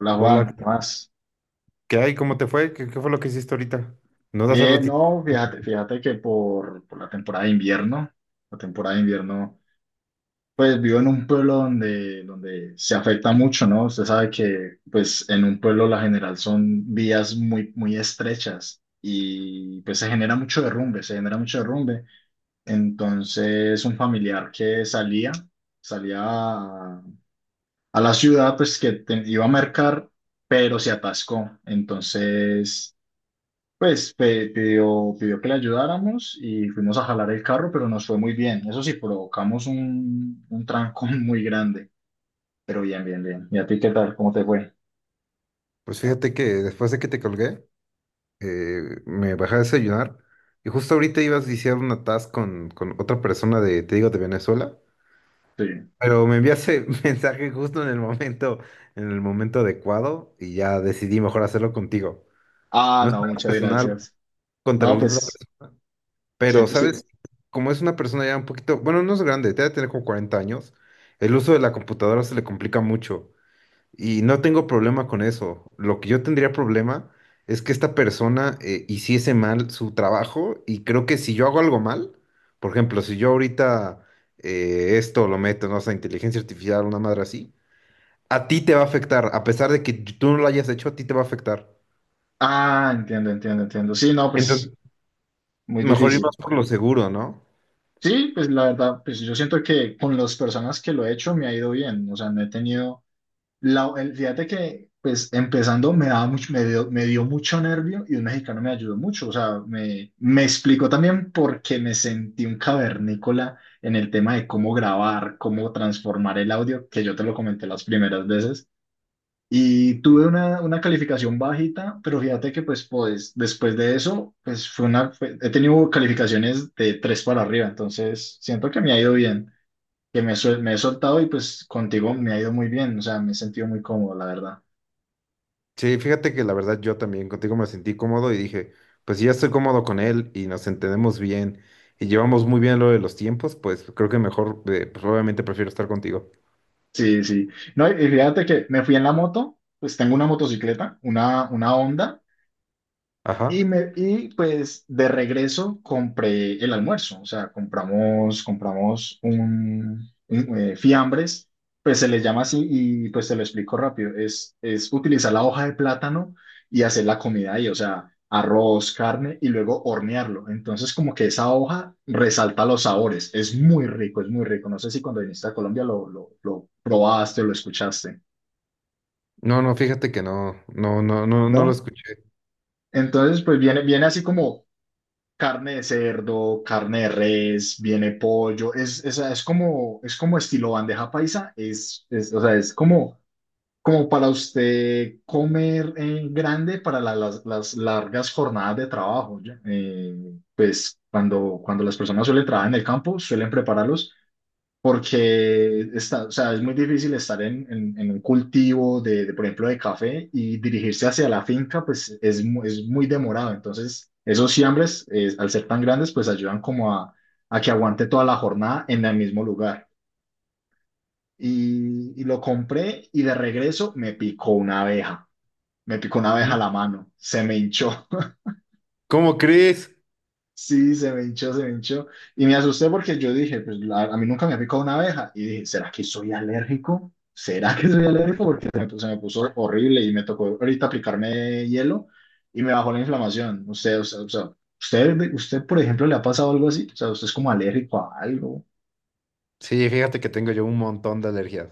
Hola Hola, Juan, ¿qué más? ¿qué hay? ¿Cómo te fue? ¿Qué fue lo que hiciste ahorita? No das hace Bien, ratito. no, fíjate que por la temporada de invierno, la temporada de invierno, pues vivo en un pueblo donde se afecta mucho, ¿no? Usted sabe que pues en un pueblo la general son vías muy, muy estrechas y pues se genera mucho derrumbe, se genera mucho derrumbe. Entonces, un familiar que salía a la ciudad, pues que iba a mercar, pero se atascó. Entonces, pues, pidió que le ayudáramos y fuimos a jalar el carro, pero nos fue muy bien. Eso sí, provocamos un trancón muy grande, pero bien, bien, bien. ¿Y a ti qué tal? ¿Cómo te fue? Pues fíjate que después de que te colgué, me bajé a desayunar y justo ahorita ibas a iniciar una task con otra persona de, te digo, de Venezuela, Sí. pero me enviaste mensaje justo en el momento adecuado y ya decidí mejor hacerlo contigo. Ah, No es no, nada muchas personal gracias. contra No, la otra pues, persona, sí, pero sí. sabes, como es una persona ya un poquito, bueno, no es grande, debe tener como 40 años. El uso de la computadora se le complica mucho. Y no tengo problema con eso. Lo que yo tendría problema es que esta persona hiciese mal su trabajo, y creo que si yo hago algo mal, por ejemplo, si yo ahorita esto lo meto, no sé, inteligencia artificial, una madre así, a ti te va a afectar, a pesar de que tú no lo hayas hecho, a ti te va a afectar. Ah, entiendo, entiendo, entiendo. Sí, no, Entonces, pues, muy mejor ir difícil. más por lo seguro, ¿no? Sí, pues la verdad, pues yo siento que con las personas que lo he hecho me ha ido bien. O sea, no he tenido. Fíjate que, pues, empezando me dio mucho nervio y un mexicano me ayudó mucho. O sea, me explicó también por qué me sentí un cavernícola en el tema de cómo grabar, cómo transformar el audio, que yo te lo comenté las primeras veces. Y tuve una calificación bajita, pero fíjate que, después de eso, pues, he tenido calificaciones de tres para arriba. Entonces, siento que me ha ido bien, que me he soltado, y pues contigo me ha ido muy bien. O sea, me he sentido muy cómodo, la verdad. Sí, fíjate que la verdad yo también contigo me sentí cómodo y dije, pues si ya estoy cómodo con él y nos entendemos bien y llevamos muy bien lo de los tiempos, pues creo que mejor, pues obviamente prefiero estar contigo. Sí, sí. No, y fíjate que me fui en la moto. Pues tengo una motocicleta, una Honda. Y, Ajá. me, y pues de regreso compré el almuerzo. O sea, compramos un fiambres, pues se les llama así, y pues te lo explico rápido. Es utilizar la hoja de plátano y hacer la comida ahí, o sea, arroz, carne y luego hornearlo. Entonces, como que esa hoja resalta los sabores, es muy rico, es muy rico. No sé si cuando viniste a Colombia lo probaste o lo escuchaste, No, no, fíjate que no, no, no, no, no lo ¿no? escuché. Entonces, pues viene así como carne de cerdo, carne de res, viene pollo. Es como estilo bandeja paisa. Es, o sea, es como, Como para usted comer, grande para las largas jornadas de trabajo, ¿ya? Pues cuando las personas suelen trabajar en el campo, suelen prepararlos porque es muy difícil estar en un cultivo por ejemplo, de café y dirigirse hacia la finca. Pues es muy demorado. Entonces, esos siembres, al ser tan grandes, pues ayudan como a que aguante toda la jornada en el mismo lugar. Y lo compré, y de regreso me picó una abeja, me picó una abeja a ¿Mm? la mano, se me hinchó. ¿Cómo crees? Sí, se me hinchó, se me hinchó. Y me asusté porque yo dije, pues a mí nunca me ha picado una abeja. Y dije, ¿será que soy alérgico? ¿Será que soy alérgico? Porque se me puso horrible, y me tocó ahorita aplicarme hielo y me bajó la inflamación. Usted, o sea, usted, por ejemplo, ¿le ha pasado algo así? O sea, ¿usted es como alérgico a algo? Sí, fíjate que tengo yo un montón de alergias.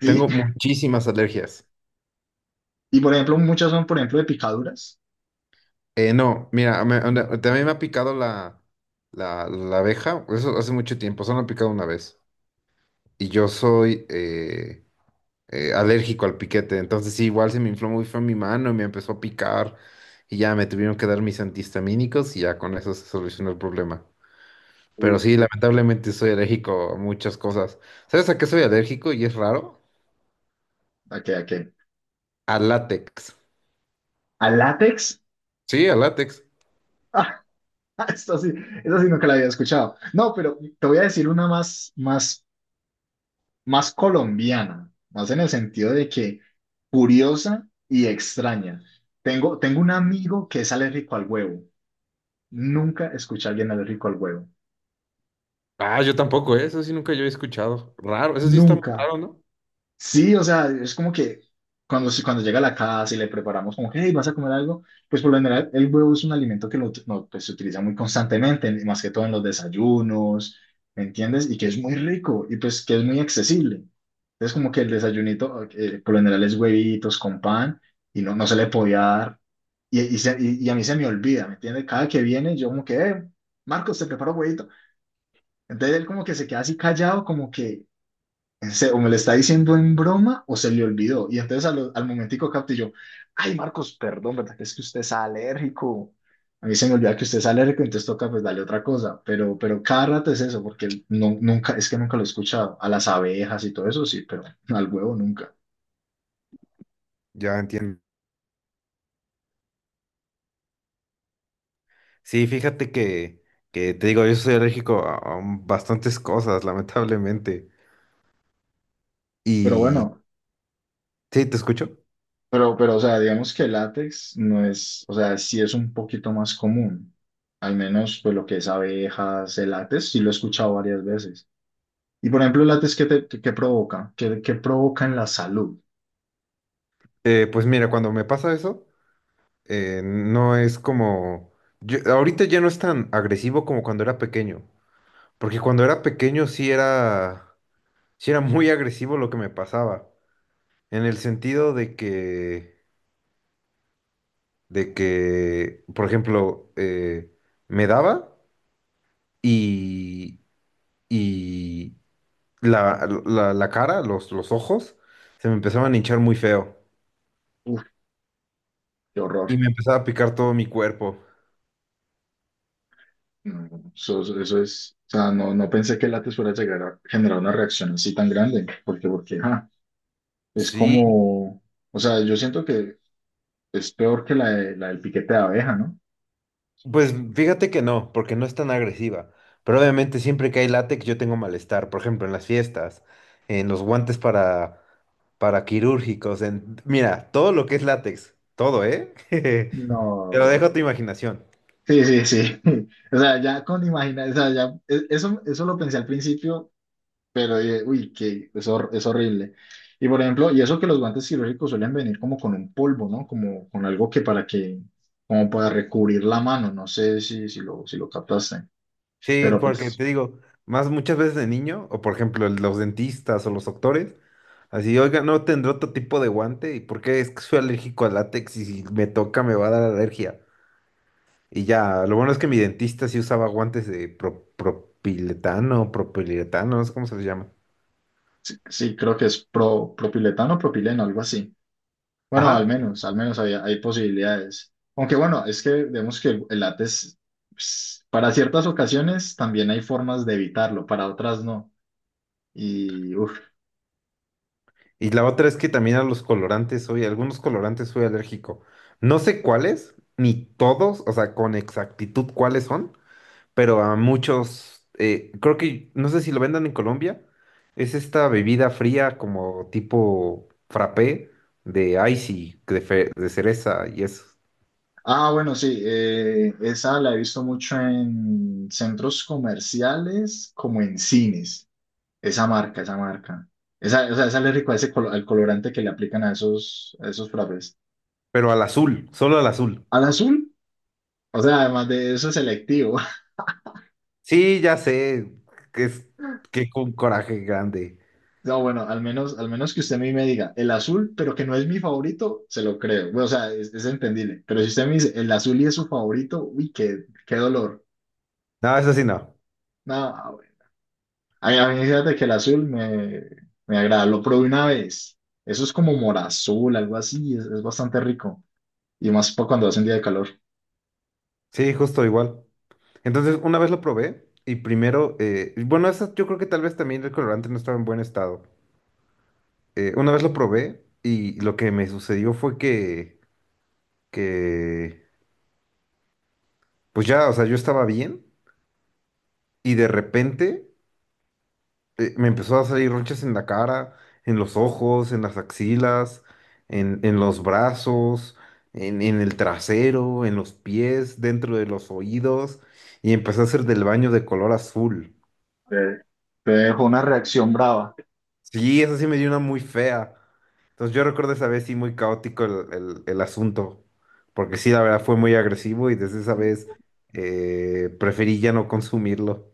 Sí. Tengo muchísimas alergias. Y, por ejemplo, muchas son, por ejemplo, de picaduras. No, mira, ¿No? también me ha picado la abeja, eso hace mucho tiempo, solo me ha picado una vez. Y yo soy, alérgico al piquete. Entonces sí, igual se me infló muy feo mi mano y me empezó a picar, y ya me tuvieron que dar mis antihistamínicos y ya con eso se solucionó el problema. Uf, Pero sí, lamentablemente soy alérgico a muchas cosas. ¿Sabes a qué soy alérgico y es raro? ¿a qué, a qué? A látex. ¿Al látex? Sí, a látex. Ah, esto sí, eso sí nunca la había escuchado. No, pero te voy a decir una más colombiana, más en el sentido de que curiosa y extraña. Tengo un amigo que es alérgico al huevo. Nunca escuché a alguien alérgico al huevo. Ah, yo tampoco, ¿eh? Eso sí nunca yo he escuchado. Raro, eso sí está muy Nunca. raro, ¿no? Sí, o sea, es como que cuando llega a la casa y le preparamos como que, hey, ¿vas a comer algo? Pues por lo general el huevo es un alimento que no, pues, se utiliza muy constantemente, más que todo en los desayunos, ¿me entiendes? Y que es muy rico y pues que es muy accesible. Entonces, como que el desayunito, por lo general, es huevitos con pan, y no, no se le podía dar. Y a mí se me olvida, ¿me entiendes? Cada que viene yo como que, Marcos, te preparo huevito. Entonces él como que se queda así callado, como que o me lo está diciendo en broma, o se le olvidó. Y entonces, momentico capté yo, ay, Marcos, perdón, ¿verdad que es que usted es alérgico? A mí se me olvida que usted es alérgico, entonces toca pues darle otra cosa. Pero cada rato es eso, porque no, nunca, es que nunca lo he escuchado. A las abejas y todo eso sí, pero al huevo nunca. Ya entiendo. Sí, fíjate que te digo, yo soy alérgico a bastantes cosas, lamentablemente. Pero Y... bueno, Sí, te escucho. O sea, digamos que el látex no es, o sea, sí es un poquito más común. Al menos, pues lo que es abejas, el látex, sí lo he escuchado varias veces. Y, por ejemplo, el provoca, qué provoca en la salud. Pues mira, cuando me pasa eso, no es como... yo- ahorita ya no es tan agresivo como cuando era pequeño, porque cuando era pequeño sí era muy agresivo lo que me pasaba, en el sentido de que, por ejemplo, me daba y, y la cara, los ojos, se me empezaban a hinchar muy feo Uf, qué horror. y me empezaba a picar todo mi cuerpo. No, eso es, o sea, no, no pensé que el látex fuera a llegar a generar una reacción así tan grande, porque, porque, ah, es Sí, como, o sea, yo siento que es peor que la del piquete de abeja, ¿no? pues fíjate que no, porque no es tan agresiva. Pero obviamente siempre que hay látex yo tengo malestar. Por ejemplo, en las fiestas, en los guantes para quirúrgicos, en... Mira, todo lo que es látex, todo, ¿eh? Te lo No. dejo a tu imaginación. Sí, sí, sí. O sea, ya con imaginar, o sea, ya, eso lo pensé al principio. Pero dije, uy, es horrible. Y, por ejemplo, y eso que los guantes quirúrgicos suelen venir como con un polvo, ¿no? Como con algo que para que, como para recubrir la mano, no sé si lo captaste. Sí, Pero porque pues te digo, más muchas veces de niño, o por ejemplo los dentistas o los doctores, así, oiga, ¿no tendré otro tipo de guante, y por qué es que soy alérgico al látex y si me toca me va a dar alergia? Y ya, lo bueno es que mi dentista sí usaba guantes de propiletano, propiletano, no sé cómo se les llama. sí, sí, creo que es propiletano, propileno, algo así. Bueno, al Ajá. menos, al menos hay posibilidades. Aunque bueno, es que vemos que el látex, pues, para ciertas ocasiones también hay formas de evitarlo, para otras no. Y uff. Y la otra es que también a los colorantes soy, a algunos colorantes soy alérgico. No sé cuáles, ni todos, o sea, con exactitud cuáles son, pero a muchos, creo que, no sé si lo vendan en Colombia, es esta bebida fría como tipo frappé de icy, de cereza y eso. Ah, bueno, sí, esa la he visto mucho en centros comerciales, como en cines. Esa marca, esa marca. Esa, o sea, esa le rico al colorante que le aplican a esos frappés. Pero al azul, solo al azul. Al azul, o sea, además de eso es selectivo. Sí, ya sé, que es que un coraje grande. No, bueno, al menos que usted a mí me diga el azul, pero que no es mi favorito, se lo creo. Bueno, o sea, es entendible. Pero si usted me dice el azul y es su favorito, uy, qué dolor. No, eso sí no. No, a mí, fíjate que el azul me agrada. Lo probé una vez. Eso es como morazul, algo así. Es bastante rico. Y más para cuando hace un día de calor. Sí, justo igual. Entonces, una vez lo probé y primero, bueno, eso yo creo que tal vez también el colorante no estaba en buen estado. Una vez lo probé y lo que me sucedió fue que, pues ya, o sea, yo estaba bien y de repente me empezó a salir ronchas en la cara, en los ojos, en las axilas, en los brazos, en el trasero, en los pies, dentro de los oídos, y empecé a hacer del baño de color azul. Te, te dejo una reacción brava. Sí, esa sí me dio una muy fea. Entonces yo recuerdo esa vez sí muy caótico el asunto, porque sí, la verdad fue muy agresivo y desde esa vez preferí ya no consumirlo.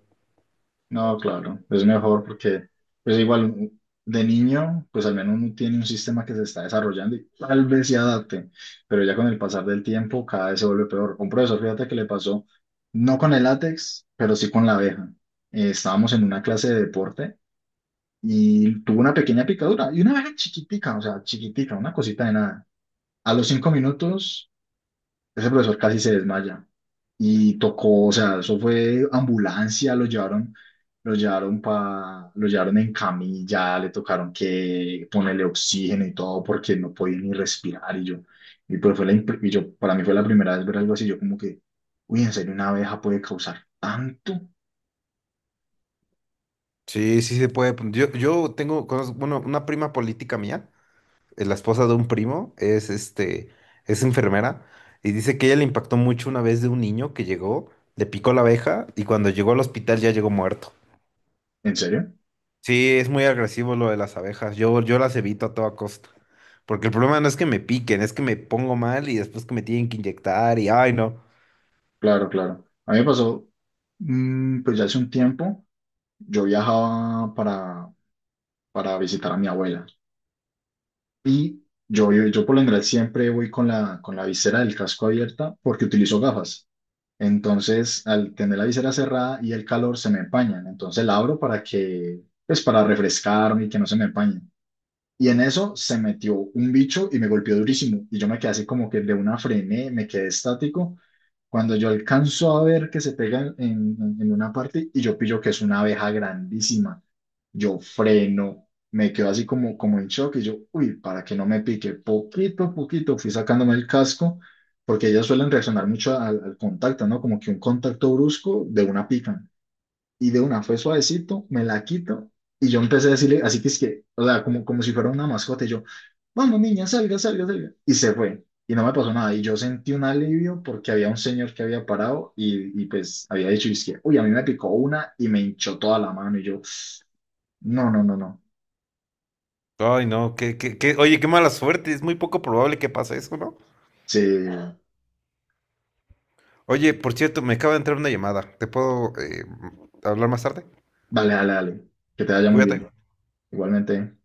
No, claro. Es mejor porque, pues igual, de niño, pues al menos uno tiene un sistema que se está desarrollando y tal vez se adapte. Pero ya con el pasar del tiempo, cada vez se vuelve peor. Un profesor, fíjate que le pasó, no con el látex, pero sí con la abeja. Estábamos en una clase de deporte. Y tuvo una pequeña picadura, y una abeja chiquitica, o sea, chiquitica, una cosita de nada. A los 5 minutos, ese profesor casi se desmaya, y tocó, o sea, eso fue ambulancia, lo llevaron en camilla, le tocaron que ponerle oxígeno y todo porque no podía ni respirar. Y yo, para mí fue la primera vez ver algo así. Yo como que, uy, en serio, una abeja puede causar tanto. Sí, sí se puede. Yo tengo, bueno, una prima política mía. La esposa de un primo, es este, es enfermera, y dice que ella le impactó mucho una vez de un niño que llegó, le picó la abeja, y cuando llegó al hospital ya llegó muerto. ¿En serio? Sí, es muy agresivo lo de las abejas. Yo las evito a toda costa. Porque el problema no es que me piquen, es que me pongo mal y después que me tienen que inyectar y ay no. Claro, claro. A mí me pasó, pues ya hace un tiempo. Yo viajaba para visitar a mi abuela, y yo por lo general siempre voy con la visera del casco abierta porque utilizo gafas. Entonces, al tener la visera cerrada y el calor, se me empañan. Entonces la abro para que, pues, para refrescarme y que no se me empañe. Y en eso se metió un bicho y me golpeó durísimo. Y yo me quedé así como que de una frené, me quedé estático. Cuando yo alcanzo a ver que se pega en una parte y yo pillo que es una abeja grandísima, yo freno, me quedo así como en shock, y yo, uy, para que no me pique, poquito a poquito fui sacándome el casco, porque ellas suelen reaccionar mucho al contacto, ¿no? Como que un contacto brusco de una pican, y de una fue suavecito, me la quito, y yo empecé a decirle, así que es que, o sea, como si fuera una mascota, y yo, vamos niña, salga, salga, salga. Y se fue, y no me pasó nada, y yo sentí un alivio porque había un señor que había parado y pues había dicho, y es que, uy, a mí me picó una y me hinchó toda la mano, y yo, no, no, no, no. Ay no, oye, qué mala suerte, es muy poco probable que pase eso, ¿no? Sí, Oye, por cierto, me acaba de entrar una llamada. ¿Te puedo hablar más tarde? vale, dale, dale, que te vaya muy Cuídate. bien. Igualmente.